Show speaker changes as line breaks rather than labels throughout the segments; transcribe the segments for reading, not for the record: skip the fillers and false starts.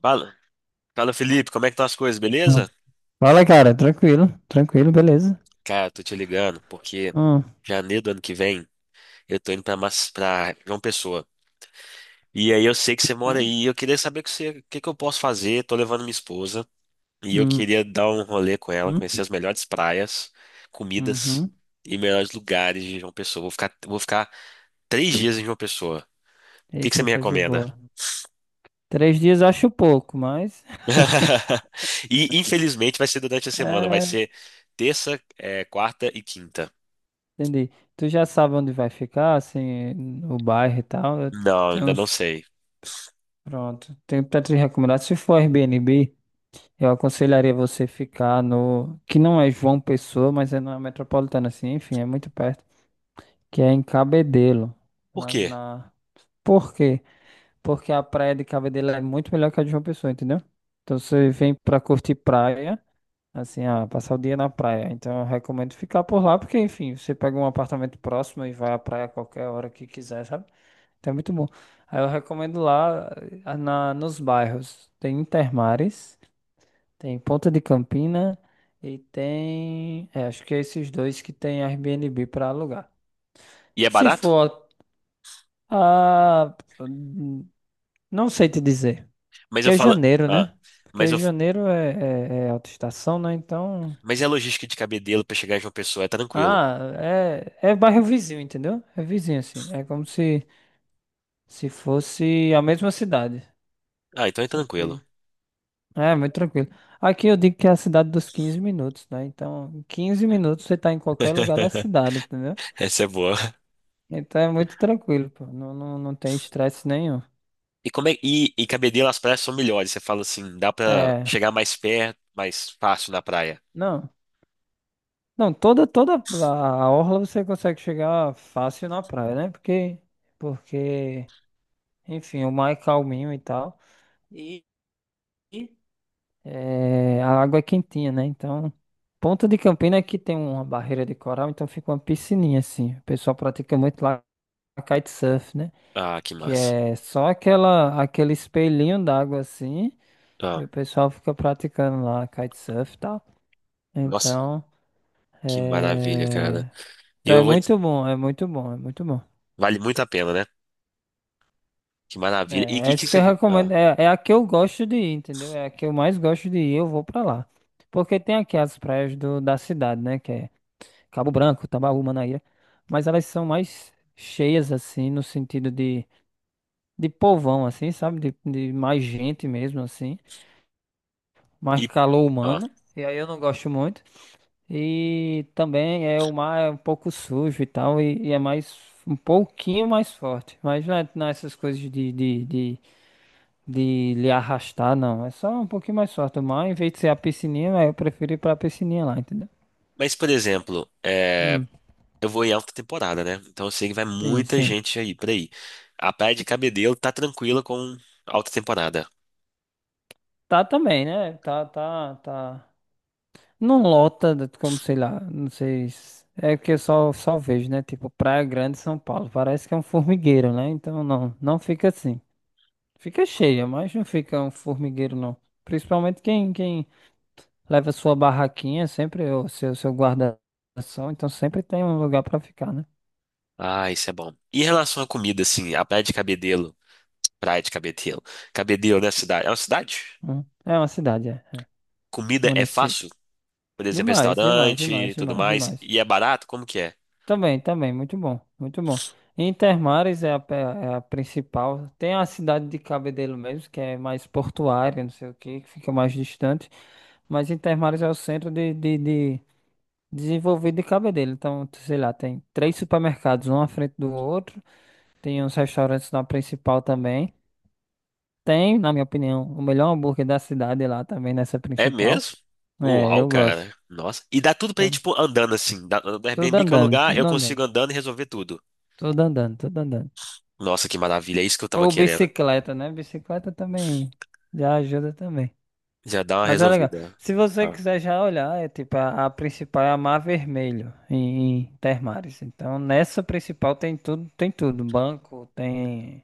Fala, fala Felipe, como é que estão as coisas,
Hum.
beleza?
Fala, cara, tranquilo, tranquilo, beleza.
Cara, tô te ligando porque
Hum,
janeiro do ano que vem eu tô indo pra, pra João Pessoa. E aí eu sei que você mora
né?
aí e eu queria saber com você, o que que eu posso fazer. Tô levando minha esposa e eu
Hum,
queria dar um rolê com ela,
hum,
conhecer as melhores praias, comidas
uhum.
e melhores lugares de João Pessoa. Vou ficar 3 dias em João Pessoa. O que que você
Eita,
me
coisa
recomenda?
boa. 3 dias eu acho pouco, mas
E infelizmente vai ser durante a semana, vai
é,
ser terça, quarta e quinta.
entendi. Tu já sabe onde vai ficar, assim, o bairro e tal. Eu
Não,
tenho
ainda não
uns.
sei.
Pronto. Tenho pra te recomendar. Se for Airbnb, eu aconselharia você ficar no. Que não é João Pessoa, mas é na metropolitana, assim, enfim, é muito perto. Que é em Cabedelo.
Por
Na,
quê?
na... Por quê? Porque a praia de Cabo Delgado é muito melhor que a de João Pessoa, entendeu? Então você vem pra curtir praia, assim, passar o dia na praia. Então eu recomendo ficar por lá, porque enfim, você pega um apartamento próximo e vai à praia a qualquer hora que quiser, sabe? Então é muito bom. Aí eu recomendo lá, nos bairros. Tem Intermares, tem Ponta de Campina e tem, acho que é esses dois que tem Airbnb pra alugar.
E é
Se
barato?
for, ah, hum, não sei te dizer.
Mas
Porque
eu
é
falo.
janeiro,
Ah,
né?
mas
Porque
eu.
janeiro é alta estação, né? Então.
Mas é logística de Cabedelo pra chegar em João Pessoa, é tranquilo.
Ah, é bairro vizinho, entendeu? É vizinho, assim. É como se fosse a mesma cidade.
Ah, então é
Só
tranquilo.
que. É, muito tranquilo. Aqui eu digo que é a cidade dos 15 minutos, né? Então, em 15 minutos você tá em qualquer lugar da cidade, entendeu?
Essa é boa.
Então é muito tranquilo, pô. Não, não, não tem estresse nenhum.
E como é Cabedelo as praias são melhores. Você fala assim, dá pra
É.
chegar mais perto, mais fácil na praia.
Não. Não, toda a orla você consegue chegar fácil na praia, né? Porque. Porque. Enfim, o mar é calminho e tal. E e a água é quentinha, né? Então, Ponta de Campina aqui tem uma barreira de coral, então fica uma piscininha assim. O pessoal pratica muito lá kitesurf, né?
Ah, que
Que
massa.
é só aquela, aquele espelhinho d'água assim, e
Ah,
o pessoal fica praticando lá kitesurf e tal.
nossa,
Então,
que maravilha, cara.
é...
E
então é
eu vou dizer,
muito bom, é muito bom, é muito bom.
vale muito a pena, né? Que maravilha.
É,
E que
essa que eu
você, ah,
recomendo. É a que eu gosto de ir, entendeu? É a que eu mais gosto de ir, eu vou pra lá. Porque tem aqui as praias do, da cidade, né? Que é Cabo Branco, Tambaú, Manaíra. Mas elas são mais cheias, assim, no sentido de povão, assim, sabe? De mais gente mesmo, assim. Mais
e,
calor
ah.
humano. E aí eu não gosto muito. E também é o mar é um pouco sujo e tal. E é mais, um pouquinho mais forte. Mas não é, não é essas coisas de lhe arrastar, não. É só um pouquinho mais forte. Mas, em vez de ser a piscininha, aí eu prefiro ir pra piscininha lá, entendeu?
Mas por exemplo,
Hum,
eu vou em alta temporada, né? Então eu sei que vai
sim,
muita
sim.
gente aí por aí. A Praia de Cabedelo tá tranquila com alta temporada.
Tá também, né? Tá, tá, tá. Não lota, como sei lá, não sei. É que eu só vejo, né? Tipo, Praia Grande, São Paulo. Parece que é um formigueiro, né? Então não, não fica assim. Fica cheia, mas não fica um formigueiro, não. Principalmente quem leva sua barraquinha, sempre, ou seu guarda-ação, então sempre tem um lugar pra ficar, né?
Ah, isso é bom. E em relação à comida, assim, a Praia de Cabedelo, Cabedelo, né, cidade? É uma cidade?
Hum. É uma cidade, é.
Comida é
Município.
fácil? Por exemplo,
Demais, demais,
restaurante
demais,
e tudo
demais,
mais.
demais.
E é barato? Como que é?
Também, também, muito bom, muito bom. Intermares é a principal. Tem a cidade de Cabedelo mesmo, que é mais portuária, não sei o quê, que fica mais distante. Mas Intermares é o centro de desenvolvido de Cabedelo. Então, sei lá, tem três supermercados, um à frente do outro. Tem uns restaurantes na principal também. Tem, na minha opinião, o melhor hambúrguer da cidade lá também, nessa
É
principal.
mesmo?
É,
Uau,
eu gosto.
cara. Nossa. E dá tudo pra ir,
Então,
tipo, andando assim. Do
tudo
Airbnb que é o
andando,
lugar, eu
tudo andando.
consigo andando e resolver tudo.
Tudo andando, tudo andando.
Nossa, que maravilha. É isso que eu tava
Ou
querendo.
bicicleta, né? Bicicleta também já ajuda também.
Já dá uma
Mas é legal.
resolvida.
Se você
Ah.
quiser já olhar, é tipo, a principal é a Mar Vermelho, em Termares. Então, nessa principal tem tudo, tem tudo. Banco, tem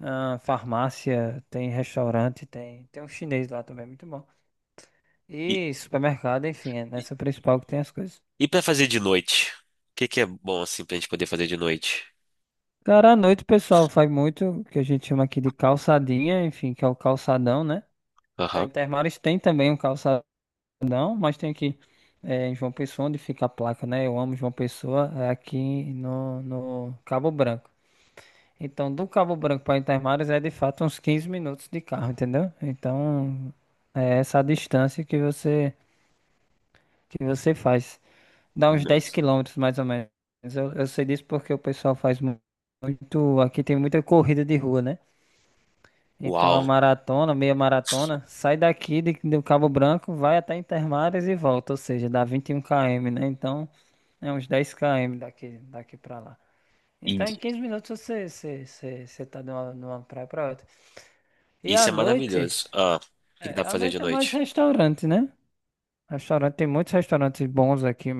farmácia, tem restaurante, tem um chinês lá também, muito bom.
E,
E supermercado, enfim, é nessa principal que tem as coisas.
E pra fazer de noite? O que que é bom assim pra gente poder fazer de noite?
Cara, à noite o pessoal faz muito, o que a gente chama aqui de calçadinha, enfim, que é o calçadão, né? Então,
Aham.
Intermares tem também um calçadão, mas tem aqui, em João Pessoa, onde fica a placa, né? Eu amo João Pessoa, é aqui no, no Cabo Branco. Então, do Cabo Branco para Intermares é de fato uns 15 minutos de carro, entendeu? Então, é essa a distância que você faz. Dá uns 10
Nossa.
quilômetros mais ou menos. Eu sei disso porque o pessoal faz muito. Aqui tem muita corrida de rua, né? Então, a
Uau.
maratona, meia maratona, sai daqui do Cabo Branco, vai até Intermares e volta, ou seja, dá 21 km, né? Então, é uns 10 km daqui pra lá. Então, em
E-
15 minutos você tá de uma praia pra outra. E à
Isso é
noite,
maravilhoso. Ah, o que que
é,
dá pra
à
fazer de
noite é mais
noite?
restaurante, né? Restaurante, tem muitos restaurantes bons aqui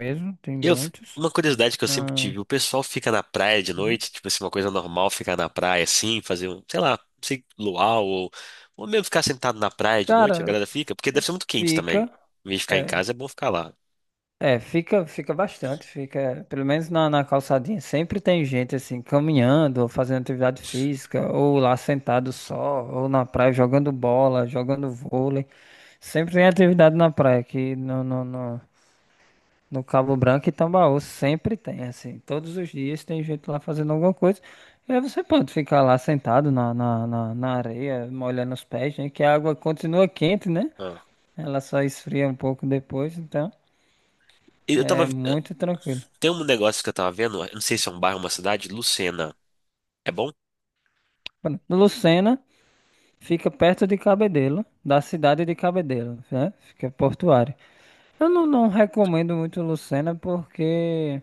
mesmo, tem
Eu,
muitos.
uma curiosidade que eu sempre
Ah,
tive, o pessoal fica na praia de
uhum.
noite, tipo assim, uma coisa normal ficar na praia assim, fazer um, sei lá, não sei, luau ou mesmo ficar sentado na praia de noite, a
Cara,
galera fica, porque deve ser muito quente
fica.
também. Em vez de ficar em casa, é bom ficar lá.
É, fica bastante, fica, pelo menos na calçadinha, sempre tem gente assim, caminhando, ou fazendo atividade física, ou lá sentado só, ou na praia jogando bola, jogando vôlei. Sempre tem atividade na praia, aqui no Cabo Branco e Tambaú, sempre tem, assim, todos os dias tem gente lá fazendo alguma coisa. E aí você pode ficar lá sentado na areia, molhando os pés, né? Que a água continua quente, né?
Ah.
Ela só esfria um pouco depois, então
Eu tava,
é muito tranquilo.
tem um negócio que eu tava vendo, eu não sei se é um bairro, uma cidade, Lucena. É bom?
Lucena fica perto de Cabedelo, da cidade de Cabedelo, né? Fica portuária. Eu não, não recomendo muito Lucena porque,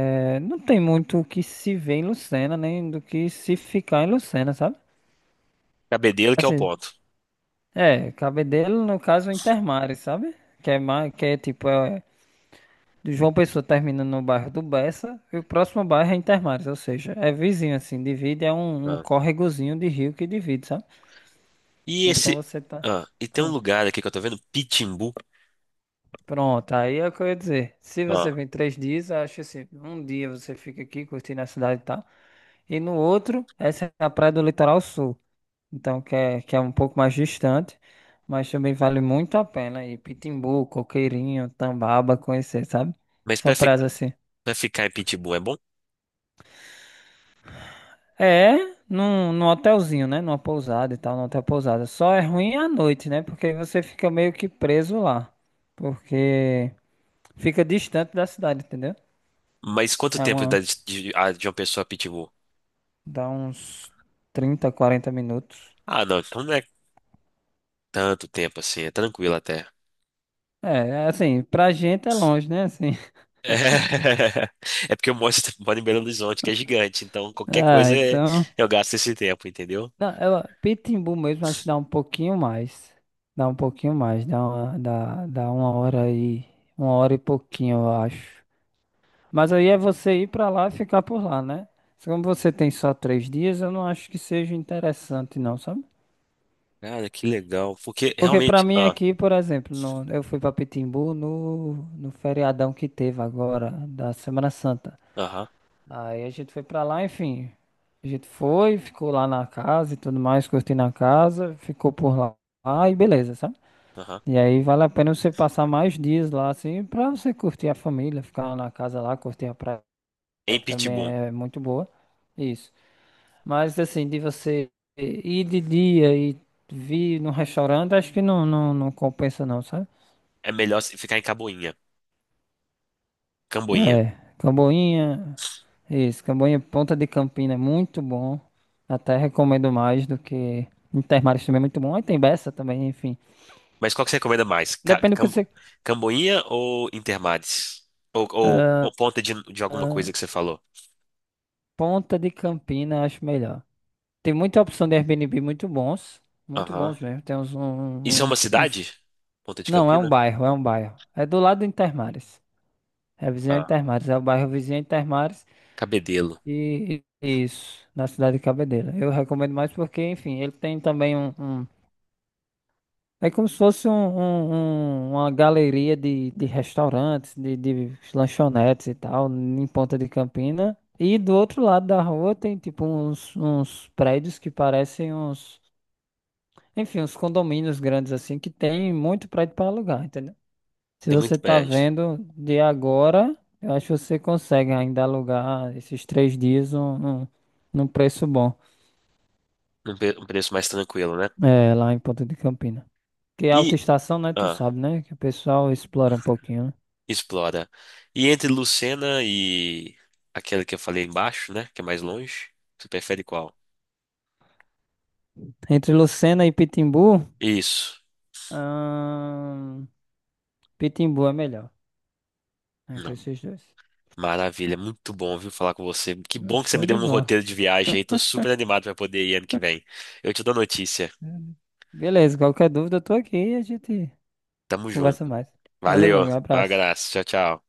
não tem muito o que se ver em Lucena, nem do que se ficar em Lucena, sabe?
Cabedelo que é o
Assim,
ponto.
é, Cabedelo, no caso, é Intermares, sabe? Que é, mais, que é tipo, é, do João Pessoa termina no bairro do Bessa e o próximo bairro é Intermares, ou seja, é vizinho, assim, divide, é um, córregozinho de rio que divide, sabe?
E
Então
esse.
você tá.
Ah, e tem um
Hum.
lugar aqui que eu tô vendo, Pitimbu.
Pronto, aí é o que eu ia dizer. Se você
Ah,
vem 3 dias, eu acho assim, um dia você fica aqui curtindo a cidade e tal. E no outro, essa é a praia do Litoral Sul. Então, que é um pouco mais distante, mas também vale muito a pena ir. Pitimbu, Coqueirinho, Tambaba, conhecer, sabe?
mas
São
pra, fi...
praias assim.
pra ficar em Pitimbu é bom?
É, num, num hotelzinho, né? Numa pousada e tal, num hotel pousada. Só é ruim à noite, né? Porque você fica meio que preso lá. Porque fica distante da cidade, entendeu?
Mas quanto
É
tempo dá
uma.
de uma pessoa a Pitimbu?
Dá uns 30, 40 minutos.
Ah, não, então não é tanto tempo assim, é tranquilo até.
É, assim, pra gente é longe, né? Assim.
É, porque eu moro, moro em Belo Horizonte, que é gigante, então qualquer
Ah,
coisa
então.
eu gasto esse tempo, entendeu?
Não, eu, Pitimbu mesmo, acho que dá um pouquinho mais. Dá um pouquinho mais. Dá uma hora aí. Uma hora e pouquinho, eu acho. Mas aí é você ir pra lá e ficar por lá, né? Só Como você tem só três dias, eu não acho que seja interessante, não, sabe?
Cara, que legal. Porque
Porque pra
realmente.
mim
Ah,
aqui, por exemplo, eu fui pra Pitimbu no, no feriadão que teve agora, da Semana Santa.
aham,
Aí a gente foi pra lá, enfim. A gente foi, ficou lá na casa e tudo mais, curtindo a casa, ficou por lá. Ah, e beleza, sabe?
aham.
E aí vale a pena você passar mais dias lá, assim, pra você curtir a família, ficar na casa lá, curtir a praia,
Em
que também
Pitimbu
é muito boa. Isso. Mas, assim, de você ir de dia e vir num restaurante, acho que não, não, não compensa não, sabe?
é melhor se ficar em Camboinha. Camboinha.
É, Camboinha, isso, Camboinha Ponta de Campina é muito bom. Até recomendo mais do que Intermares também é muito bom. Aí tem Bessa também, enfim.
Mas qual que você recomenda mais?
Depende do que você.
Camboinha ou Intermares? Ou,
Ah,
Ponta de alguma
ah,
coisa que você falou?
Ponta de Campina acho melhor. Tem muita opção de Airbnb muito
Aham.
bons mesmo. Tem uns,
Isso é
um-
uma
uns,
cidade?
uns-
Ponta de
Não, é um
Campina?
bairro, é um bairro. É do lado do Intermares. É vizinho ao
Ah,
Intermares, é o bairro vizinho ao Intermares
Cabedelo.
e e- isso, na cidade de Cabedelo. Eu recomendo mais porque, enfim, ele tem também um. É como se fosse uma galeria de restaurantes, de lanchonetes e tal, em Ponta de Campina. E do outro lado da rua tem tipo uns prédios que parecem uns, enfim, uns condomínios grandes assim, que tem muito prédio para alugar, entendeu? Se
Tem
você
muito
tá
prédio.
vendo de agora, eu acho que você consegue ainda alugar esses 3 dias num preço bom,
Um, um preço mais tranquilo, né?
é, lá em Ponta de Campina. Que é alta
E.
estação, né? Tu
Ah,
sabe, né? Que o pessoal explora um pouquinho, né?
explora. E entre Lucena e aquela que eu falei embaixo, né? Que é mais longe, você prefere qual?
Entre Lucena e Pitimbu,
Isso.
ahn, Pitimbu é melhor. Entre
Não.
esses dois.
Maravilha, muito bom, viu, falar com você. Que bom que você me
Show
deu
de
um
bola.
roteiro de viagem aí. Tô super animado pra poder ir ano que vem. Eu te dou notícia.
Beleza, qualquer dúvida eu tô aqui e a gente
Tamo
conversa
junto.
mais. Valeu, meu
Valeu,
amigo, um
um
abraço.
abraço. Tchau, tchau.